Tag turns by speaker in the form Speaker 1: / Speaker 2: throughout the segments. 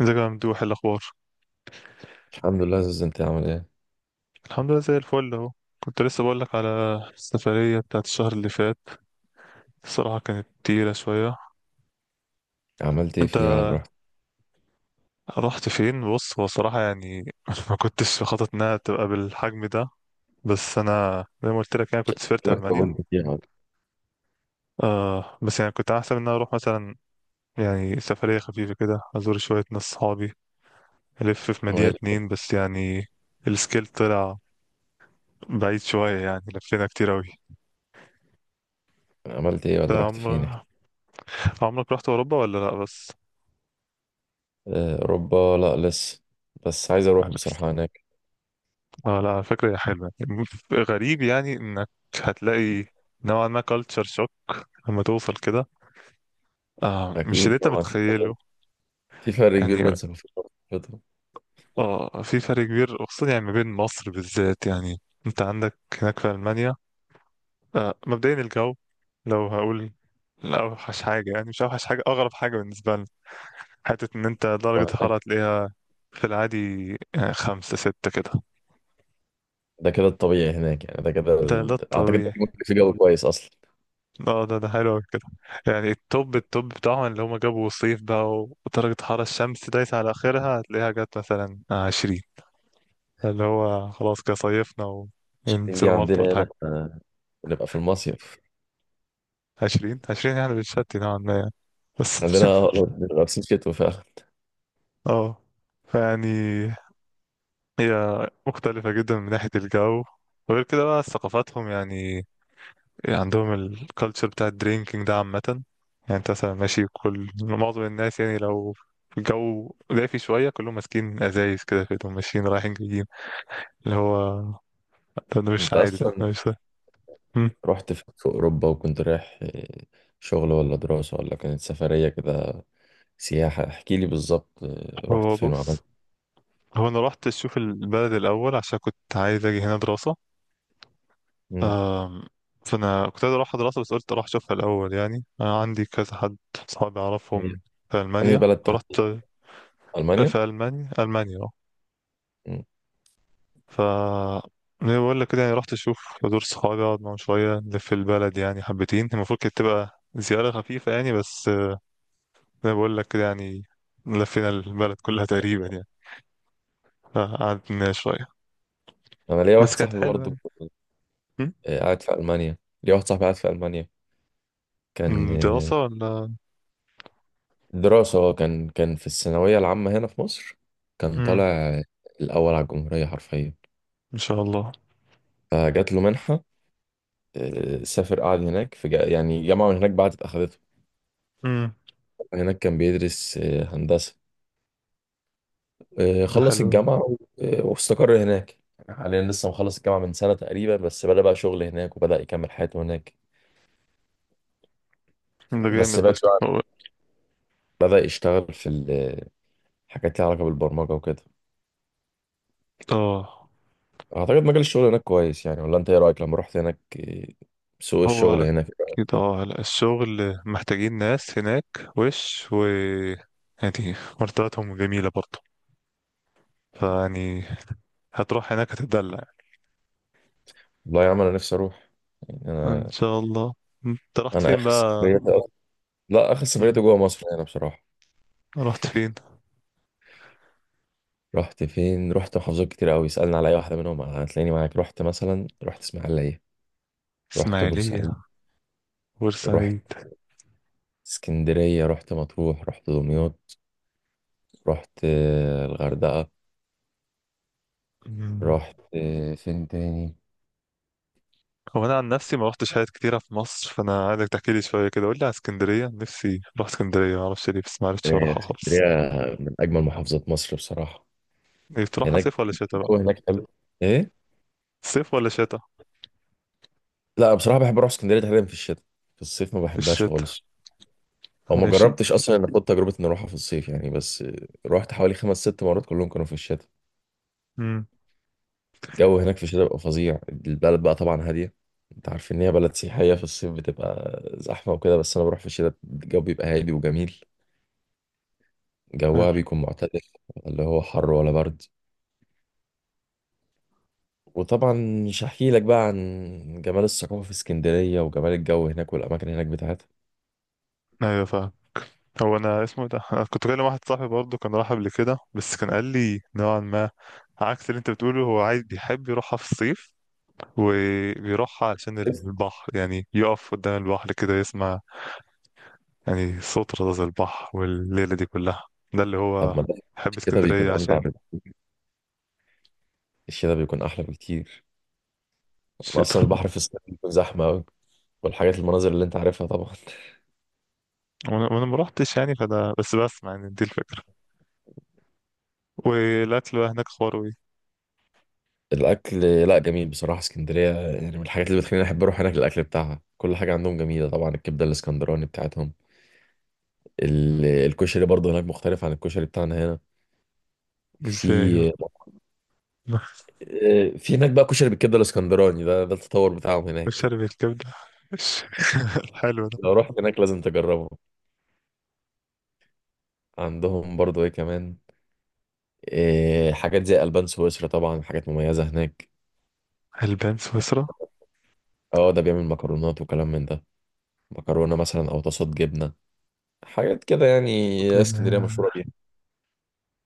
Speaker 1: ازيك يا ممدوح؟ إيه الاخبار؟
Speaker 2: الحمد لله يا زوز، انت عامل ايه؟
Speaker 1: الحمد لله زي الفل اهو. كنت لسه بقول لك على السفريه بتاعت الشهر اللي فات. الصراحه كانت تقيله شويه.
Speaker 2: عملت ايه
Speaker 1: انت
Speaker 2: فيها ولا رحت؟
Speaker 1: رحت فين؟ بص، هو صراحه يعني ما كنتش خطط انها تبقى بالحجم ده. بس انا زي ما قلت لك يعني كنت سافرت
Speaker 2: لك
Speaker 1: المانيا.
Speaker 2: طولت فيها ولا؟
Speaker 1: آه بس يعني كنت احسب ان انا اروح مثلا يعني سفريه خفيفه كده، ازور شويه ناس صحابي الف في مدينه
Speaker 2: ويلك.
Speaker 1: اتنين بس. يعني السكيل طلع بعيد شويه، يعني لفينا كتير اوي.
Speaker 2: عملت ايه
Speaker 1: انت
Speaker 2: ولا رحت فين؟ احكي.
Speaker 1: عمرك رحت اوروبا ولا لا؟ بس
Speaker 2: آه، اوروبا لا، لسه. بس عايز اروح
Speaker 1: اه
Speaker 2: بصراحه هناك.
Speaker 1: لا، على فكرة هي حلوة. غريب يعني انك هتلاقي نوعا ما كالتشر شوك لما توصل كده. مش اللي
Speaker 2: اكيد
Speaker 1: انت
Speaker 2: طبعا، في فرق
Speaker 1: متخيله
Speaker 2: في فرق
Speaker 1: يعني.
Speaker 2: كبير بين ثقافات وثقافات.
Speaker 1: اه، في فرق كبير خصوصا يعني ما بين مصر بالذات، يعني انت عندك هناك في ألمانيا. مبدئيا الجو، لو هقول لا اوحش حاجة، يعني مش اوحش حاجة. اغرب حاجة بالنسبة لنا حتة ان انت درجة
Speaker 2: وهناك.
Speaker 1: الحرارة تلاقيها في العادي يعني خمسة ستة كده.
Speaker 2: ده كده الطبيعي هناك، يعني ده كده
Speaker 1: ده
Speaker 2: اعتقد ده
Speaker 1: الطبيعي.
Speaker 2: ممكن في جو كويس اصلا.
Speaker 1: اه ده حلو أوي كده. يعني التوب بتاعهم اللي هما جابوا صيف بقى، ودرجة حرارة الشمس دايسة على آخرها، هتلاقيها جت مثلا 20، اللي هو خلاص كده صيفنا.
Speaker 2: الشتين دي
Speaker 1: وينزلوا مالطا
Speaker 2: عندنا
Speaker 1: ولا
Speaker 2: هنا
Speaker 1: حاجة.
Speaker 2: احنا بنبقى في المصيف.
Speaker 1: 20 20 يعني بتشتي نوعا ما يعني. بس
Speaker 2: عندنا بنبقى لابسين شتوي فعلا.
Speaker 1: اه فيعني هي مختلفة جدا من ناحية الجو. وغير كده بقى ثقافاتهم يعني. يعني عندهم الكالتشر بتاع الدرينكينج ده عامة. يعني انت مثلا ماشي، كل معظم الناس، يعني لو الجو دافي شوية، كلهم ماسكين أزايز كده في ايدهم ماشيين رايحين جايين. اللي هو ده مش
Speaker 2: انت
Speaker 1: عادي، ده
Speaker 2: اصلا
Speaker 1: ده مش ده. مم.
Speaker 2: رحت في اوروبا، وكنت رايح شغل ولا دراسه ولا كانت سفريه كده سياحة؟ احكي لي بالظبط. رحت
Speaker 1: هو
Speaker 2: فين وعملت؟
Speaker 1: بص، هو أنا رحت أشوف البلد الأول عشان كنت عايز أجي هنا دراسة.
Speaker 2: مم.
Speaker 1: أم، فأنا كنت عايز أروح دراسة، بس قلت أروح أشوفها الأول، يعني أنا عندي كذا حد صحابي
Speaker 2: هي-
Speaker 1: أعرفهم في
Speaker 2: أنهي
Speaker 1: ألمانيا
Speaker 2: بلد
Speaker 1: فرحت.
Speaker 2: تحديدا؟ ألمانيا؟
Speaker 1: في ألمانيا، ألمانيا.
Speaker 2: مم.
Speaker 1: ف زي ما بقول لك كده، يعني رحت اشوف دور صحابي، اقعد معاهم شويه، نلف البلد يعني حبتين. المفروض كانت تبقى زياره خفيفه يعني، بس زي ما بقول لك كده يعني لفينا البلد كلها تقريبا يعني. قعدنا شويه
Speaker 2: أنا ليا
Speaker 1: بس
Speaker 2: واحد
Speaker 1: كانت
Speaker 2: صاحبي
Speaker 1: حلوه
Speaker 2: برضه.
Speaker 1: يعني. م؟
Speaker 2: آه، قاعد في ألمانيا. ليا واحد صاحبي قاعد في ألمانيا. كان
Speaker 1: م، دراسه ولا.
Speaker 2: دراسة. هو كان في الثانوية العامة هنا في مصر. كان
Speaker 1: م،
Speaker 2: طالع الأول على الجمهورية حرفيا.
Speaker 1: ان شاء الله.
Speaker 2: فجات له منحة. سافر، قعد هناك في يعني جامعة من هناك بعد أخدته.
Speaker 1: م،
Speaker 2: هناك كان بيدرس هندسة.
Speaker 1: ده
Speaker 2: خلص
Speaker 1: حلو
Speaker 2: الجامعة واستقر هناك. يعني حاليا لسه مخلص الجامعة من سنة تقريبا، بس بدأ بقى شغل هناك وبدأ يكمل حياته هناك.
Speaker 1: يعني. ده
Speaker 2: بس
Speaker 1: جامد ده.
Speaker 2: بعد شوية
Speaker 1: هو
Speaker 2: بدأ يشتغل في حاجات ليها علاقة بالبرمجة وكده.
Speaker 1: اه
Speaker 2: أعتقد مجال الشغل هناك كويس، يعني ولا أنت إيه رأيك لما رحت هناك؟ سوق الشغل
Speaker 1: هو
Speaker 2: هناك إيه رأيك
Speaker 1: اكيد.
Speaker 2: فيه؟
Speaker 1: اه لا، الشغل محتاجين ناس هناك. وش و يعني مرتباتهم جميله برضه. فيعني هتروح هناك هتتدلع.
Speaker 2: والله يا عم، أنا نفسي أروح. يعني
Speaker 1: ان
Speaker 2: أنا
Speaker 1: شاء الله. م. انت رحت
Speaker 2: أنا
Speaker 1: فين بقى؟
Speaker 2: لا، آخر
Speaker 1: م.
Speaker 2: سفريتي جوه مصر هنا بصراحة.
Speaker 1: رحت فين؟
Speaker 2: رحت فين؟ رحت محافظات كتير قوي، اسألني على أي واحدة منهم هتلاقيني معاك. رحت مثلا، رحت إسماعيلية. رحت بورسعيد.
Speaker 1: اسماعيلية.
Speaker 2: رحت
Speaker 1: بورسعيد.
Speaker 2: اسكندرية. رحت مطروح. رحت دمياط. رحت الغردقة.
Speaker 1: م.
Speaker 2: رحت فين تاني؟
Speaker 1: هو انا عن نفسي ما رحتش حاجات كتيرة في مصر، فانا عايزك تحكي لي شوية كده. قول لي على اسكندرية، نفسي اروح اسكندرية. ما اعرفش ليه بس ما عرفتش اروحها خالص.
Speaker 2: اسكندرية من أجمل محافظات مصر بصراحة.
Speaker 1: إيه، تروحها
Speaker 2: هناك
Speaker 1: صيف ولا شتاء بقى؟
Speaker 2: الجو هناك حلو. إيه؟
Speaker 1: صيف ولا شتاء؟
Speaker 2: لا بصراحة، بحب أروح اسكندرية تحديدا في الشتاء. في الصيف ما
Speaker 1: في
Speaker 2: بحبهاش
Speaker 1: الشتاء.
Speaker 2: خالص. أو ما
Speaker 1: ماشي.
Speaker 2: جربتش أصلا إن أخد تجربة إن أروحها في الصيف يعني، بس رحت حوالي خمس ست مرات كلهم كانوا في الشتاء.
Speaker 1: امم.
Speaker 2: الجو هناك في الشتاء بيبقى فظيع. البلد بقى طبعا هادية. انت عارف ان هي بلد سياحية في الصيف بتبقى زحمة وكده، بس انا بروح في الشتاء الجو بيبقى هادي وجميل.
Speaker 1: حلو.
Speaker 2: جوها بيكون معتدل، اللي هو حر ولا برد. وطبعا مش هحكي لك بقى عن جمال الثقافة في اسكندرية وجمال الجو هناك والأماكن هناك بتاعتها.
Speaker 1: ايوه فاهم. هو انا اسمه إيه ده، انا كنت كلم واحد صاحبي برضه كان راح قبل كده، بس كان قال لي نوعا ما عكس اللي انت بتقوله. هو عايز، بيحب يروحها في الصيف وبيروح عشان
Speaker 2: بس.
Speaker 1: البحر، يعني يقف قدام البحر كده يسمع يعني صوت رذاذ البحر والليلة دي كلها. ده اللي
Speaker 2: طب
Speaker 1: هو
Speaker 2: ما ده
Speaker 1: بحب
Speaker 2: الشتاء بيكون
Speaker 1: اسكندرية
Speaker 2: أمتع
Speaker 1: عشان
Speaker 2: بك. الشتاء بيكون أحلى بكتير. أنا أصلا
Speaker 1: الشتا.
Speaker 2: البحر في اسكندرية بيكون زحمة أوي، والحاجات المناظر اللي أنت عارفها طبعا
Speaker 1: وانا وأنا ما روحتش يعني، فده بس بسمع يعني، دي الفكرة. والاكل بقى هناك خروي؟
Speaker 2: الأكل. لا، جميل بصراحة. اسكندرية يعني من الحاجات اللي بتخليني أحب أروح هناك الأكل بتاعها، كل حاجة عندهم جميلة، طبعا الكبدة الاسكندراني بتاعتهم. الكشري برضه هناك مختلف عن الكشري بتاعنا هنا.
Speaker 1: ازاي يعني؟
Speaker 2: في في هناك بقى كشري بالكبده الاسكندراني، ده التطور بتاعهم هناك.
Speaker 1: والشرب الكبدة؟ حلو ده.
Speaker 2: لو رحت هناك لازم تجربه. عندهم برضو ايه كمان. حاجات زي البان سويسرا طبعا، حاجات مميزه هناك.
Speaker 1: البان سويسرا.
Speaker 2: اه، ده بيعمل مكرونات وكلام من ده. مكرونه مثلا او طاسات جبنه، حاجات كده يعني، اسكندريه مشهوره بيها.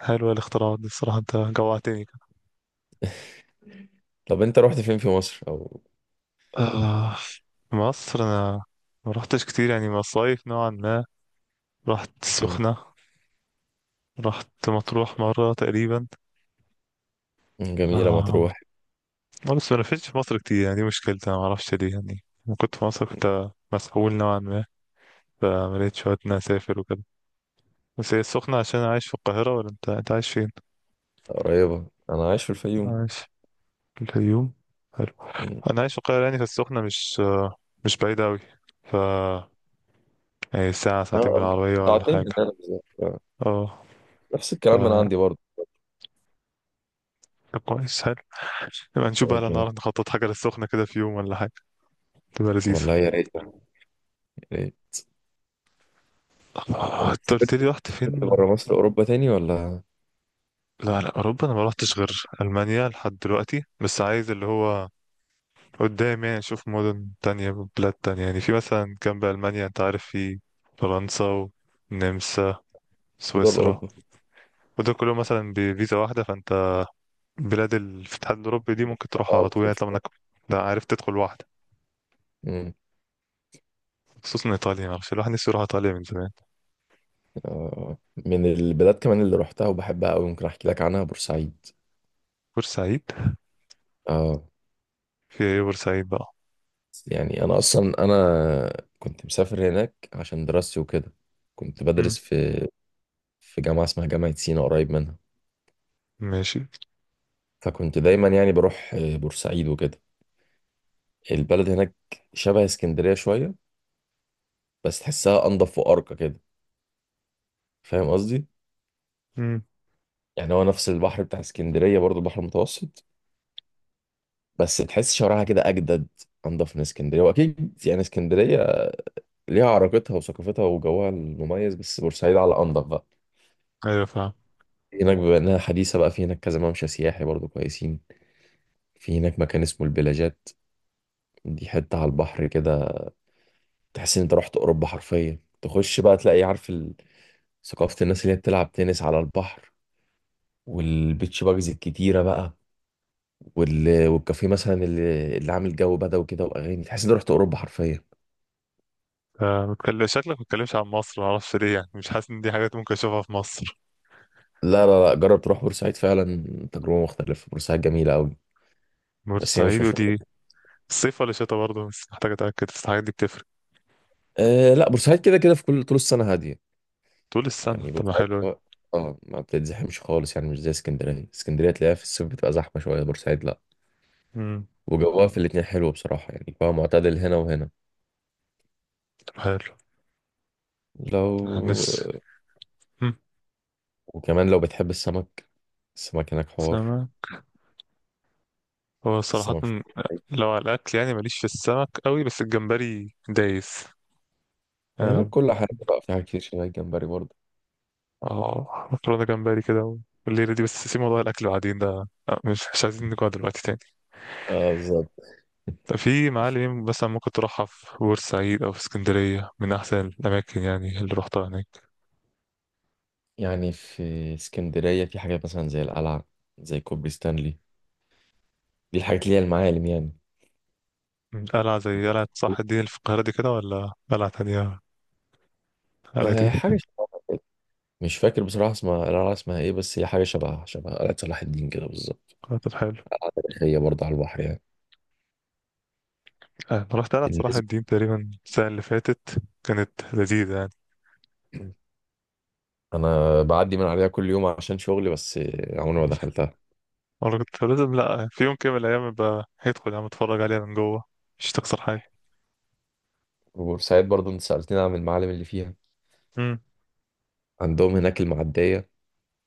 Speaker 1: حلوة الاختراعات دي الصراحة، انت جوعتني كده.
Speaker 2: طب انت رحت فين في مصر او؟
Speaker 1: آه. مصر انا ما رحتش كتير يعني، مصايف نوعا ما. رحت
Speaker 2: مم.
Speaker 1: السخنة، رحت مطروح مرة تقريبا.
Speaker 2: جميله
Speaker 1: آه.
Speaker 2: مطروح.
Speaker 1: آه، بس ما لفتش في مصر كتير يعني، دي مشكلتي أنا معرفش ليه. يعني لما كنت في مصر
Speaker 2: مم.
Speaker 1: كنت مسحول نوعا ما، فملقتش وقت إن أنا أسافر وكده. بس هي السخنة عشان أنا عايش في القاهرة، ولا أنت، أنت عايش فين؟
Speaker 2: قريبه انا عايش في الفيوم.
Speaker 1: عايش في الفيوم؟ حلو.
Speaker 2: مم.
Speaker 1: أنا عايش في القاهرة، يعني فالسخنة مش مش بعيدة أوي. ف يعني ساعة ساعتين
Speaker 2: اه،
Speaker 1: بالعربية ولا
Speaker 2: ساعتين
Speaker 1: حاجة.
Speaker 2: من هنا بالظبط،
Speaker 1: اه.
Speaker 2: نفس
Speaker 1: ف
Speaker 2: الكلام من عندي برضه.
Speaker 1: طب كويس، حلو. نبقى نشوف بقى لو
Speaker 2: أوكي.
Speaker 1: نعرف نخطط حاجة للسخنة كده في يوم ولا حاجة، تبقى لذيذة.
Speaker 2: والله يا ريت يعني، يا ريت.
Speaker 1: آه،
Speaker 2: انت
Speaker 1: انت قلت لي
Speaker 2: سافرت
Speaker 1: رحت فين؟
Speaker 2: بره مصر أوروبا تاني ولا؟
Speaker 1: لا اوروبا انا ما روحتش غير المانيا لحد دلوقتي. بس عايز اللي هو قدام يعني اشوف مدن تانية، بلاد تانية. يعني في مثلا جنب المانيا، انت عارف، في فرنسا والنمسا،
Speaker 2: في دول
Speaker 1: سويسرا،
Speaker 2: أوروبا؟
Speaker 1: ودول كلهم مثلا بفيزا واحدة. فانت بلاد الاتحاد الاوروبي دي ممكن تروحها
Speaker 2: اه،
Speaker 1: على طول، يعني طالما
Speaker 2: بتفرق.
Speaker 1: انك، لا، عارف تدخل واحدة.
Speaker 2: مم.
Speaker 1: خصوصا ايطاليا، معرفش، الواحد نفسه يروح ايطاليا من زمان.
Speaker 2: آه، من البلاد كمان اللي روحتها وبحبها أوي، ممكن أحكي لك عنها بورسعيد.
Speaker 1: بورسعيد.
Speaker 2: اه.
Speaker 1: في ايه بورسعيد بقى؟
Speaker 2: يعني أنا أصلا، أنا كنت مسافر هناك عشان دراستي وكده. كنت
Speaker 1: مم.
Speaker 2: بدرس في جامعة اسمها جامعة سينا قريب منها.
Speaker 1: ماشي.
Speaker 2: فكنت دايما يعني بروح بورسعيد وكده. البلد هناك شبه اسكندرية شوية، بس تحسها أنضف وأرقى كده. فاهم قصدي؟
Speaker 1: مم.
Speaker 2: يعني هو نفس البحر بتاع اسكندرية برضو البحر المتوسط. بس تحس شوارعها كده اجدد، انضف من اسكندريه. واكيد يعني اسكندريه ليها عراقتها وثقافتها وجوها المميز، بس بورسعيد على انضف بقى.
Speaker 1: ايوه فاهم.
Speaker 2: هناك بما انها حديثه بقى، في هناك كذا ممشى سياحي برضو كويسين. في هناك مكان اسمه البلاجات، دي حته على البحر كده، تحس ان انت رحت اوروبا حرفيا. تخش بقى تلاقي عارف ثقافه الناس اللي هي بتلعب تنس على البحر، والبيتش باجز الكتيره بقى، والكافيه مثلا اللي عامل جو بدوي كده واغاني، تحس ان انت رحت اوروبا حرفيا.
Speaker 1: آه، بتكلم شكلك ما بتتكلمش عن مصر، معرفش ليه، يعني مش حاسس ان دي حاجات ممكن اشوفها في مصر.
Speaker 2: لا، لا، لا، جرب تروح بورسعيد فعلا. تجربة مختلفة، بورسعيد جميلة أوي، بس هي مش
Speaker 1: بورسعيد،
Speaker 2: مشهورة.
Speaker 1: ودي الصيف ولا شتا برضه؟ بس محتاج أتأكد، بس الحاجات دي بتفرق.
Speaker 2: أه، لا بورسعيد كده كده في كل طول السنة هادية.
Speaker 1: طول السنة؟
Speaker 2: يعني
Speaker 1: طب ما
Speaker 2: بورسعيد
Speaker 1: حلو أوي.
Speaker 2: اه. ما بتتزحمش خالص، يعني مش زي اسكندرية. اسكندرية تلاقيها في الصيف بتبقى زحمة شوية، بورسعيد لا.
Speaker 1: امم.
Speaker 2: وجوها في الاتنين حلو بصراحة، يعني جوها معتدل هنا وهنا.
Speaker 1: طب حلو.
Speaker 2: لو.
Speaker 1: الناس.
Speaker 2: وكمان لو بتحب السمك، السمك هناك حوار.
Speaker 1: سمك. هو صراحة
Speaker 2: السمك في بورسعيد.
Speaker 1: لو على الأكل يعني ماليش في السمك قوي، بس الجمبري دايس.
Speaker 2: هناك
Speaker 1: اه.
Speaker 2: كل حاجة بقى، في حاجات كتير شبه الجمبري برضه.
Speaker 1: آه، مكرونة جمبري كده والليلة دي. بس سيب موضوع الأكل بعدين ده، مش مش عايزين نقعد دلوقتي تاني.
Speaker 2: اه، بالظبط.
Speaker 1: طب في معالم مثلا ممكن تروحها في بورسعيد أو في اسكندرية، من أحسن الأماكن يعني اللي روحتها هناك؟
Speaker 2: يعني في اسكندرية في حاجات مثلا زي القلعة، زي كوبري ستانلي، دي الحاجات اللي هي المعالم يعني.
Speaker 1: قلعة، زي قلعة صلاح الدين اللي في القاهرة دي كده، ولا قلعة تانية؟ حالتي.
Speaker 2: أه، حاجة شبهها كده. مش فاكر بصراحة اسمها القلعة اسمها ايه، بس هي حاجة شبهها شبه قلعة صلاح الدين كده بالظبط.
Speaker 1: خاطر حلو.
Speaker 2: هي برضه على البحر يعني.
Speaker 1: آه، أنا رحت، أنا صراحة
Speaker 2: بالنسبة
Speaker 1: الدين تقريبا السنة اللي فاتت كانت لذيذة يعني.
Speaker 2: أنا بعدي من عليها كل يوم عشان شغلي، بس عمري ما دخلتها.
Speaker 1: مرة كنت فلازم، لأ في يوم كده من الأيام بقى هيدخل عم أتفرج عليها من جوه، مش تخسر حاجة.
Speaker 2: وبورسعيد برضه أنت سألتني عن المعالم اللي فيها.
Speaker 1: امم.
Speaker 2: عندهم هناك المعدية،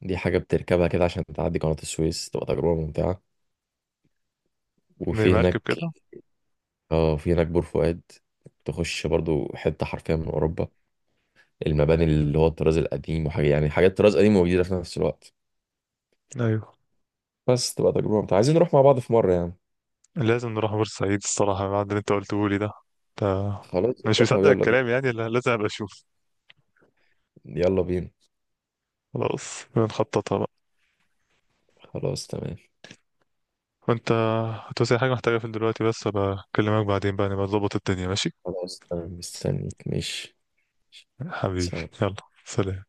Speaker 2: دي حاجة بتركبها كده عشان تعدي قناة السويس، تبقى تجربة ممتعة.
Speaker 1: زي
Speaker 2: وفي
Speaker 1: مركب
Speaker 2: هناك.
Speaker 1: كده؟
Speaker 2: اه، في هناك بور فؤاد. تخش برضه حتة حرفيا من أوروبا. المباني اللي هو الطراز القديم، وحاجة يعني، حاجات طراز قديم وجديدة في نفس الوقت.
Speaker 1: أيوه.
Speaker 2: بس تبقى تجربة متعة، عايزين نروح مع بعض في مرة يعني.
Speaker 1: لازم نروح بورسعيد الصراحة، بعد اللي أنت قلته لي ده. ده
Speaker 2: خلاص
Speaker 1: مش
Speaker 2: يا صاحبي،
Speaker 1: مصدق
Speaker 2: يلا بينا.
Speaker 1: الكلام يعني، لا- لازم أبقى أشوف.
Speaker 2: يلا بينا.
Speaker 1: خلاص بنخططها بقى.
Speaker 2: خلاص تمام.
Speaker 1: وأنت هتوصي حاجة، محتاجة في دلوقتي؟ بس أبقى أكلمك بعدين بقى، نبقى نظبط الدنيا، ماشي؟
Speaker 2: خلاص تمام، مستنيك ماشي.
Speaker 1: حبيبي.
Speaker 2: سلام.
Speaker 1: يلا، سلام.